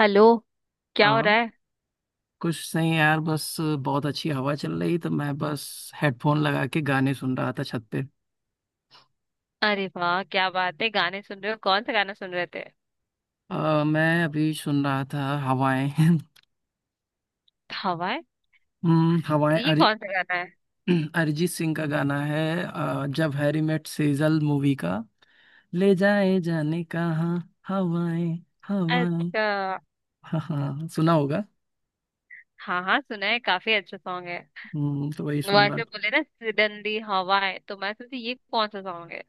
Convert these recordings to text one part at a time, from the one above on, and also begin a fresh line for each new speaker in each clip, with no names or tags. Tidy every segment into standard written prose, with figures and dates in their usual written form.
Hello. क्या हो
हाँ,
रहा है?
कुछ नहीं यार, बस बहुत अच्छी हवा चल रही तो मैं बस हेडफोन लगा के गाने सुन रहा था छत पे।
अरे वाह, क्या बात है! गाने सुन रहे हो? कौन सा गाना सुन रहे थे?
मैं अभी सुन रहा था हवाएं।
हवा है?
हवाएं।
ये कौन सा गाना है?
अरिजीत सिंह का गाना है, जब हैरी मेट सेजल मूवी का। ले जाए जाने कहाँ, हवाएं, हवाएं।
अच्छा।
हाँ हाँ, सुना होगा।
हाँ हाँ सुना है, काफी अच्छा सॉन्ग है।
तो वही सुन रहा
वैसे
था।
बोले ना सिडनली हवा है तो मैं सोची ये कौन सा सॉन्ग है।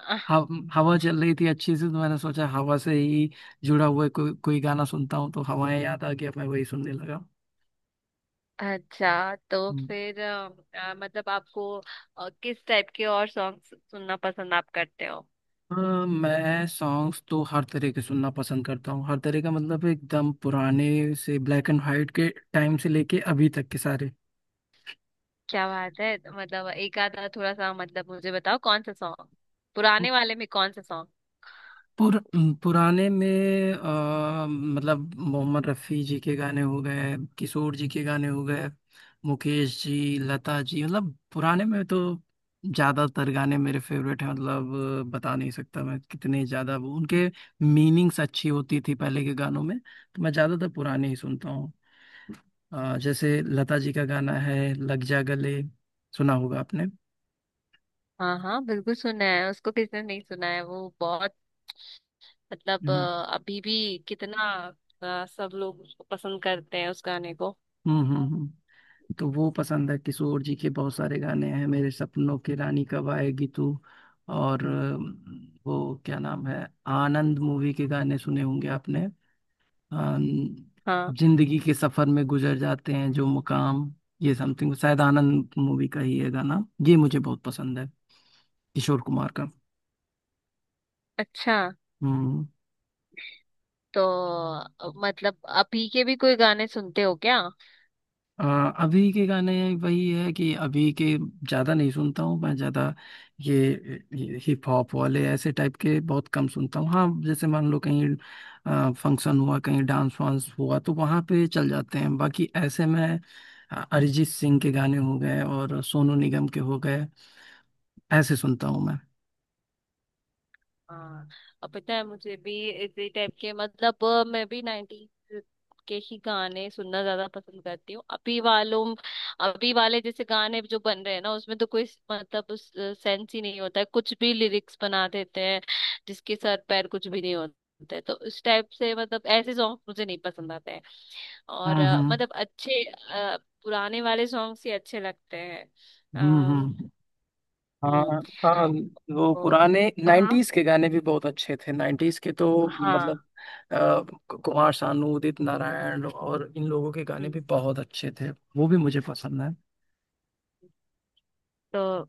आह,
हव, हवा चल रही थी अच्छी से तो मैंने सोचा हवा से ही जुड़ा हुआ कोई कोई गाना सुनता हूँ तो हवाएं याद आ गया, मैं वही सुनने लगा।
अच्छा तो
हम्म।
फिर, मतलब आपको किस टाइप के और सॉन्ग सुनना पसंद आप करते हो?
अ, मैं सॉन्ग्स तो हर तरह के सुनना पसंद करता हूँ, हर तरह का मतलब एकदम पुराने से ब्लैक एंड वाइट के टाइम से लेके अभी तक के सारे।
क्या बात है। तो मतलब एक आधा थोड़ा सा, मतलब मुझे बताओ कौन सा सॉन्ग, पुराने वाले में कौन सा सॉन्ग।
पुर, पुराने में मतलब मोहम्मद रफ़ी जी के गाने हो गए, किशोर जी के गाने हो गए, मुकेश जी, लता जी, मतलब पुराने में तो ज़्यादातर गाने मेरे फेवरेट हैं, मतलब बता नहीं सकता मैं कितने ज़्यादा वो उनके मीनिंग्स अच्छी होती थी पहले के गानों में, तो मैं ज़्यादातर पुराने ही सुनता हूँ। जैसे लता जी का गाना है, लग जा गले। सुना होगा आपने।
हाँ हाँ बिल्कुल सुना है उसको, किसने नहीं सुना है वो। बहुत मतलब
हम्म,
अभी भी कितना सब लोग उसको पसंद करते हैं उस गाने को।
हम्म, तो वो पसंद है। किशोर जी के बहुत सारे गाने हैं, मेरे सपनों की रानी कब आएगी तू, और वो क्या नाम है, आनंद मूवी के गाने सुने होंगे आपने। अम,
हाँ।
जिंदगी के सफर में गुजर जाते हैं जो मुकाम, ये समथिंग शायद आनंद मूवी का ही है गाना, ये मुझे बहुत पसंद है, किशोर कुमार का।
अच्छा
हम्म।
तो मतलब अभी के भी कोई गाने सुनते हो क्या?
अ, अभी के गाने, वही है कि अभी के ज़्यादा नहीं सुनता हूँ मैं ज़्यादा, ये, ये हिप हॉप वाले ऐसे टाइप के बहुत कम सुनता हूँ, हाँ। जैसे मान लो कहीं फंक्शन हुआ, कहीं डांस वांस हुआ, तो वहाँ पे चल जाते हैं, बाकी ऐसे मैं अरिजीत सिंह के गाने हो गए और सोनू निगम के हो गए, ऐसे सुनता हूँ मैं।
हाँ, अब पता है, मुझे भी इसी टाइप के, मतलब मैं भी नाइनटीज के ही गाने सुनना ज्यादा पसंद करती हूँ। अभी वालों, अभी वाले जैसे गाने जो बन रहे हैं ना उसमें तो कोई मतलब उस सेंस ही नहीं होता है, कुछ भी लिरिक्स बना देते हैं जिसके सर पैर कुछ भी नहीं होते हैं। तो उस टाइप से मतलब ऐसे सॉन्ग मुझे नहीं पसंद आते हैं। और
हम्म,
अ,
हम्म,
मतलब अच्छे अ, पुराने वाले सॉन्ग्स ही अच्छे लगते हैं।
हम्म,
अम्म,
हम्म, हाँ
हम्म।
हाँ। वो
तो
पुराने
हाँ
90s के गाने भी बहुत अच्छे थे, 90s के तो,
हाँ।
मतलब कुमार सानू, उदित नारायण और इन लोगों के गाने
हम्म।
भी बहुत अच्छे थे। वो भी मुझे पसंद है।
तो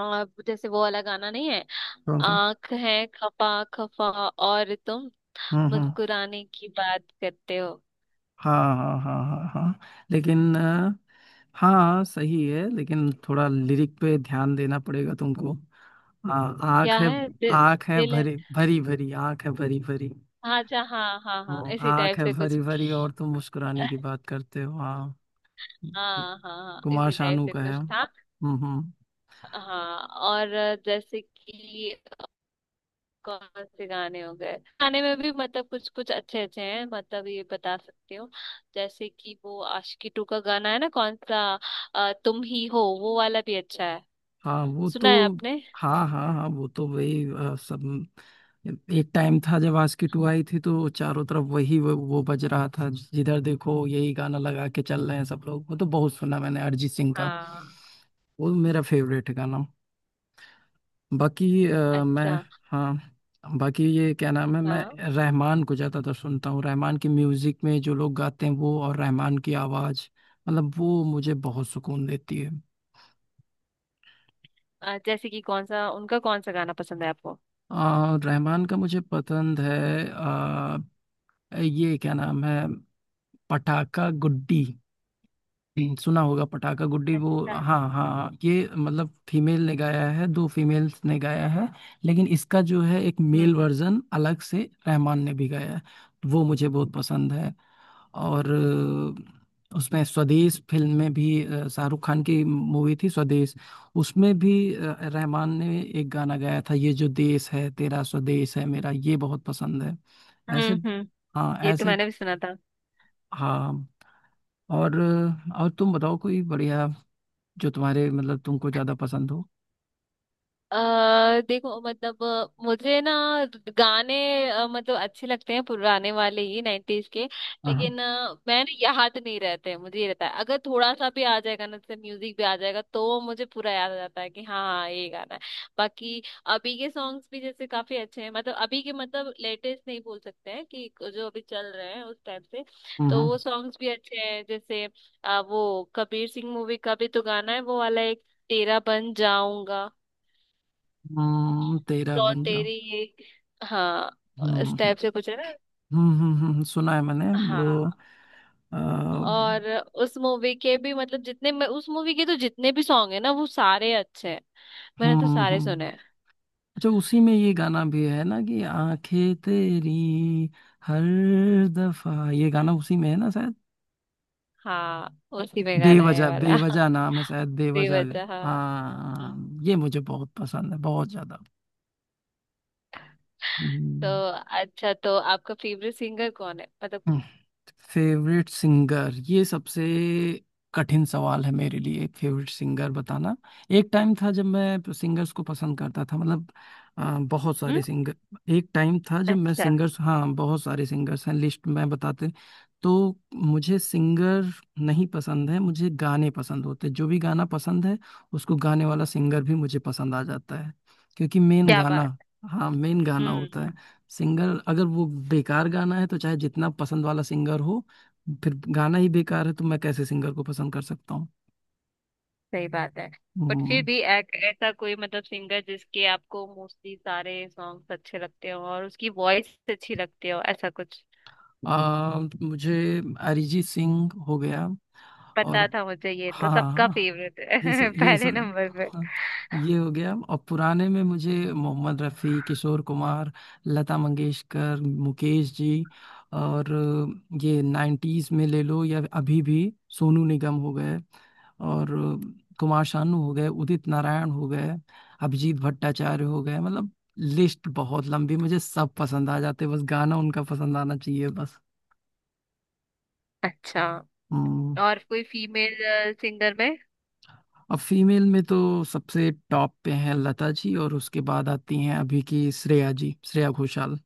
जैसे वो वाला गाना नहीं है,
कौन सा?
आंख है खफा खफा और तुम
हम्म, हम्म,
मुस्कुराने की बात करते हो,
हाँ हाँ हाँ हाँ हाँ। लेकिन हाँ, सही है, लेकिन थोड़ा लिरिक पे ध्यान देना पड़ेगा तुमको। हाँ, आँख
क्या
है।
है दिल,
आँख है
दिल है।
भरी भरी, भरी आँख है भरी भरी।
हाँ जा, हाँ हाँ हाँ,
हाँ,
इसी
आँख
टाइप
है
से
भरी भरी और
कुछ।
तुम मुस्कुराने
हाँ
की बात करते हो। हाँ,
हाँ हाँ,
कुमार
इसी टाइप
शानू
से
का है।
कुछ था।
हम्म, हम्म।
हाँ। और जैसे कि कौन से गाने हो गए, गाने में भी मतलब कुछ कुछ अच्छे अच्छे हैं, मतलब ये बता सकती हूँ। जैसे कि वो आशिकी टू का गाना है ना, कौन सा, तुम ही हो वो वाला भी अच्छा है।
हाँ, वो तो,
सुना है आपने?
हाँ हाँ हाँ, वो तो वही सब। एक टाइम था जब आस्की टू आई थी, तो चारों तरफ वही वो बज रहा था, जिधर देखो यही गाना लगा के चल रहे हैं सब लोग, वो तो बहुत सुना मैंने अरिजीत सिंह का।
हाँ।
वो मेरा फेवरेट है गाना। बाकी मैं,
अच्छा।
हाँ, बाकी ये क्या नाम है, मैं
हाँ,
रहमान को ज़्यादातर सुनता हूँ, रहमान की म्यूज़िक में जो लोग गाते हैं वो, और रहमान की आवाज़ मतलब वो मुझे बहुत सुकून देती है।
जैसे कि कौन सा उनका, कौन सा गाना पसंद है आपको?
रहमान का मुझे पसंद है। आ, ये क्या नाम है, पटाखा गुड्डी। सुना होगा, पटाखा गुड्डी, वो।
अच्छा।
हाँ हाँ, ये मतलब फीमेल ने गाया है, दो फीमेल्स ने गाया है। लेकिन इसका जो है एक
हम्म
मेल वर्जन अलग से रहमान ने भी गाया है, वो मुझे बहुत पसंद है। और उसमें स्वदेश फिल्म में भी, शाहरुख खान की मूवी थी स्वदेश, उसमें भी रहमान ने एक गाना गाया था, ये जो देश है तेरा स्वदेश है मेरा, ये बहुत पसंद है। ऐसे,
हम्म।
हाँ
ये तो
ऐसे।
मैंने भी सुना था।
हाँ, और तुम बताओ कोई बढ़िया जो तुम्हारे मतलब तुमको ज्यादा पसंद हो।
अ देखो मतलब मुझे ना गाने मतलब अच्छे लगते हैं पुराने वाले ही, नाइन्टीज के।
हाँ,
लेकिन मैं ना याद नहीं रहते हैं, मुझे ये रहता है, अगर थोड़ा सा भी आ जाएगा ना, जैसे म्यूजिक भी आ जाएगा तो मुझे पूरा याद आ जाता है कि हाँ हाँ, ये गाना है। बाकी अभी के सॉन्ग्स भी जैसे काफी अच्छे हैं, मतलब अभी के, मतलब लेटेस्ट नहीं बोल सकते हैं कि जो अभी चल रहे हैं उस टाइप से, तो
हम्म,
वो सॉन्ग्स भी अच्छे हैं। जैसे वो कबीर सिंह मूवी का भी तो गाना है वो वाला एक, तेरा बन जाऊंगा,
तेरा
और
बन जाओ।
तेरी ये, हाँ,
हम्म, हम्म,
स्टेप से पूछे ना।
हम्म, सुना है मैंने। वो,
हाँ।
हम्म,
और उस मूवी के भी, मतलब जितने, मैं उस मूवी के तो जितने भी सॉन्ग है ना वो सारे अच्छे हैं। मैंने तो सारे
हम्म।
सुने हैं।
अच्छा, उसी में ये गाना भी है ना कि आंखें तेरी हर दफा, ये गाना उसी में है ना शायद।
हाँ उसी में गाना है ये
बेवजह,
वाला
बेवजह नाम है शायद,
भी
बेवजह।
बचा हाँ। हम्म।
हाँ, ये मुझे बहुत पसंद है, बहुत ज्यादा।
तो
हम्म,
अच्छा, तो आपका फेवरेट सिंगर कौन है मतलब?
फेवरेट सिंगर, ये सबसे कठिन सवाल है मेरे लिए, एक फेवरेट सिंगर बताना। एक टाइम था जब मैं सिंगर्स को पसंद करता था, मतलब बहुत सारे
हम्म।
सिंगर। एक टाइम था जब मैं
अच्छा,
सिंगर्स, हाँ, बहुत सारे सिंगर्स हैं लिस्ट में, बताते। तो मुझे सिंगर नहीं पसंद है, मुझे गाने पसंद होते हैं। जो भी गाना पसंद है, उसको गाने वाला सिंगर भी मुझे पसंद आ जाता है, क्योंकि मेन
क्या बात
गाना,
है।
हाँ, मेन गाना होता है।
हम्म।
सिंगर, अगर वो बेकार गाना है तो चाहे जितना पसंद वाला सिंगर हो, फिर गाना ही बेकार है, तो मैं कैसे सिंगर को पसंद कर सकता हूँ?
सही बात है। बट फिर
हम्म,
भी एक ऐसा कोई, मतलब सिंगर जिसके आपको मोस्टली सारे सॉन्ग्स अच्छे लगते हो और उसकी वॉइस अच्छी लगती हो, ऐसा कुछ?
मुझे अरिजीत सिंह हो गया, और
पता था मुझे, ये तो
हाँ हाँ
सबका
हाँ,
फेवरेट
ये सब,
है
ये
पहले
सब,
नंबर पे।
हाँ, ये हो गया। और पुराने में मुझे मोहम्मद रफ़ी, किशोर कुमार, लता मंगेशकर, मुकेश जी, और ये नाइन्टीज़ में ले लो या अभी भी, सोनू निगम हो गए, और कुमार शानू हो गए, उदित नारायण हो गए, अभिजीत भट्टाचार्य हो गए, मतलब लिस्ट बहुत लंबी, मुझे सब पसंद आ जाते, बस गाना उनका पसंद आना चाहिए बस।
अच्छा,
हम्म।
और कोई फीमेल सिंगर में?
अब फीमेल में तो सबसे टॉप पे हैं लता जी, और उसके बाद आती हैं अभी की श्रेया जी, श्रेया घोषाल।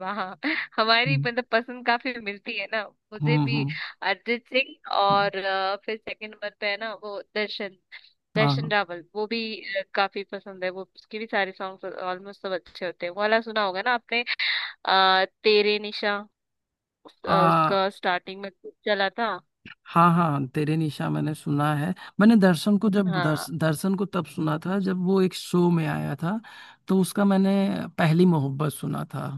वहाँ हमारी
हम्म,
मतलब पसंद काफी मिलती है ना। मुझे
हम्म,
भी
हम्म,
अरिजीत सिंह,
हम्म,
और फिर सेकंड नंबर पे है ना वो दर्शन,
हाँ
दर्शन
हाँ,
रावल, वो भी काफी पसंद है। वो उसके भी सारे सॉन्ग ऑलमोस्ट सब अच्छे होते हैं। वो वाला सुना होगा ना आपने, तेरे निशा,
आ
उसका स्टार्टिंग में खूब चला था।
हाँ हाँ, तेरे निशा मैंने सुना है। मैंने दर्शन को, जब
हाँ
दर्शन को तब सुना था जब वो एक शो में आया था। तो उसका मैंने पहली मोहब्बत सुना था।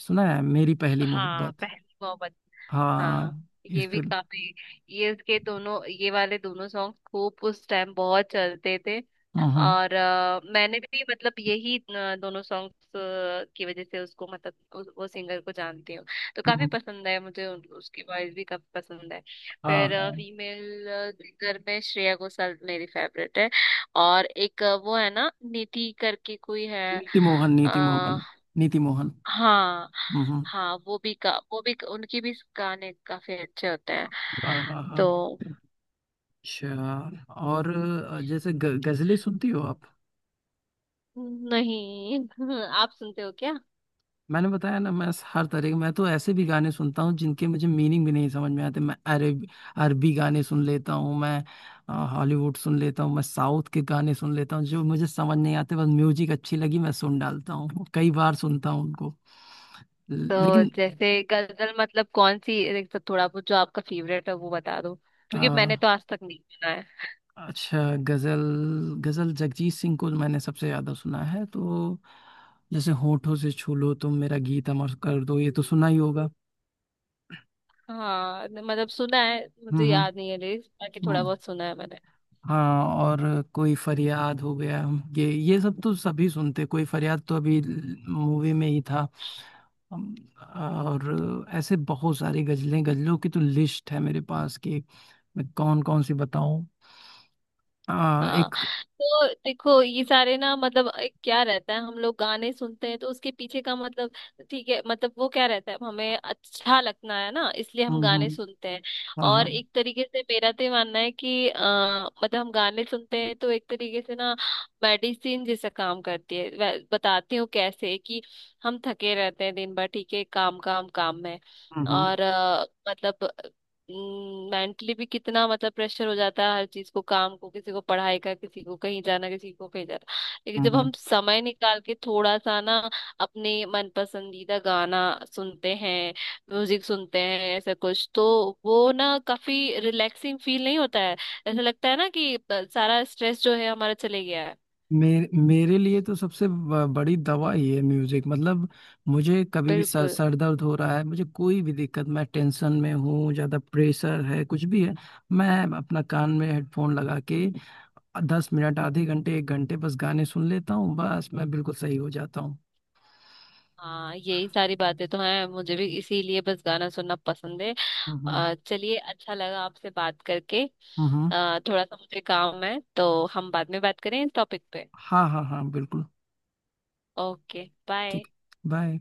सुना है, मेरी पहली
हाँ
मोहब्बत।
पहली मोहब्बत, हाँ।
हाँ, इस
ये भी
पे।
काफी, ये इसके दोनों, ये वाले दोनों सॉन्ग खूब उस टाइम बहुत चलते थे।
हम्म, हम्म,
और अ, मैंने भी मतलब यही अ, दोनों सॉन्ग्स की वजह से उसको, मतलब उस, वो सिंगर को जानती हूँ। तो काफी
हम्म,
पसंद है मुझे उसकी वॉइस भी काफी पसंद है।
हाँ
फिर
हाँ।
फीमेल सिंगर में श्रेया घोषाल मेरी फेवरेट है। और एक वो है ना निधि करके कोई है।
नीति मोहन, नीति
आ,
मोहन, नीति मोहन।
हाँ,
हम्म,
हाँ वो भी का, वो भी, उनकी भी गाने काफी अच्छे होते हैं।
हाँ हाँ हाँ।
तो
अच्छा, और जैसे गजलें सुनती हो आप?
नहीं आप सुनते हो क्या?
मैंने बताया ना, मैं हर तरह के, मैं तो ऐसे भी गाने सुनता हूँ जिनके मुझे मीनिंग भी नहीं समझ में आते, मैं अरबी गाने सुन लेता हूँ मैं। हॉलीवुड सुन लेता हूँ, मैं साउथ के गाने सुन लेता हूँ जो मुझे समझ नहीं आते, बस म्यूजिक अच्छी लगी, मैं सुन डालता हूँ, कई बार सुनता हूँ उनको।
तो
लेकिन
जैसे गजल मतलब कौन सी, एक तो थोड़ा बहुत जो आपका फेवरेट है वो बता दो, क्योंकि मैंने तो आज तक नहीं सुना है।
अच्छा, गजल, गजल जगजीत सिंह को मैंने सबसे ज्यादा सुना है, तो जैसे होठों से छू लो तुम मेरा गीत अमर कर दो, ये तो सुना ही होगा।
हाँ मतलब सुना है,
हम्म,
मुझे
हम्म,
याद नहीं है लिरिक्स, बाकी थोड़ा
हम्म।
बहुत सुना है मैंने।
हाँ, और कोई फरियाद हो गया, ये सब तो सभी सुनते, कोई फरियाद तो अभी मूवी में ही था। अम, और ऐसे बहुत सारी गजलें, गजलों की तो लिस्ट है मेरे पास कि मैं कौन कौन सी बताऊं।
हाँ।
एक,
तो देखो ये सारे ना, मतलब एक क्या रहता है, हम लोग गाने सुनते हैं तो उसके पीछे का मतलब, ठीक है, मतलब वो क्या रहता है, हमें अच्छा लगना है ना, इसलिए हम
हम्म,
गाने
हम्म,
सुनते हैं।
हाँ हाँ,
और एक तरीके से मेरा तो ये मानना है कि मतलब हम गाने सुनते हैं तो एक तरीके से ना मेडिसिन जैसा काम करती है। बताती हूँ कैसे, कि हम थके रहते हैं दिन भर, ठीक है, काम काम काम में।
हम्म, हम्म,
और मतलब मेंटली भी कितना, मतलब प्रेशर हो जाता है, हर चीज को, काम को, किसी को पढ़ाई का, किसी को कहीं जाना, किसी को कहीं जाना, लेकिन जब
हम्म।
हम समय निकाल के थोड़ा सा ना अपने मन पसंदीदा गाना सुनते हैं, म्यूजिक सुनते हैं, ऐसा कुछ, तो वो ना काफी रिलैक्सिंग फील नहीं होता है? ऐसा लगता है ना कि सारा स्ट्रेस जो है हमारा चले गया है।
मेरे मेरे लिए तो सबसे बड़ी दवा ही है म्यूजिक, मतलब मुझे कभी भी सर
बिल्कुल।
सर दर्द हो रहा है, मुझे कोई भी दिक्कत, मैं टेंशन में हूँ, ज्यादा प्रेशर है, कुछ भी है, मैं अपना कान में हेडफोन लगा के 10 मिनट, आधे घंटे, 1 घंटे बस गाने सुन लेता हूँ, बस मैं बिल्कुल सही हो जाता हूँ।
हाँ, यही सारी बातें तो हैं मुझे भी, इसीलिए बस गाना सुनना पसंद है।
हम्म,
चलिए, अच्छा लगा आपसे बात करके।
हम्म,
थोड़ा सा मुझे काम है, तो हम बाद में बात करें इस टॉपिक पे।
हाँ हाँ हाँ बिल्कुल
ओके बाय।
ठीक। बाय।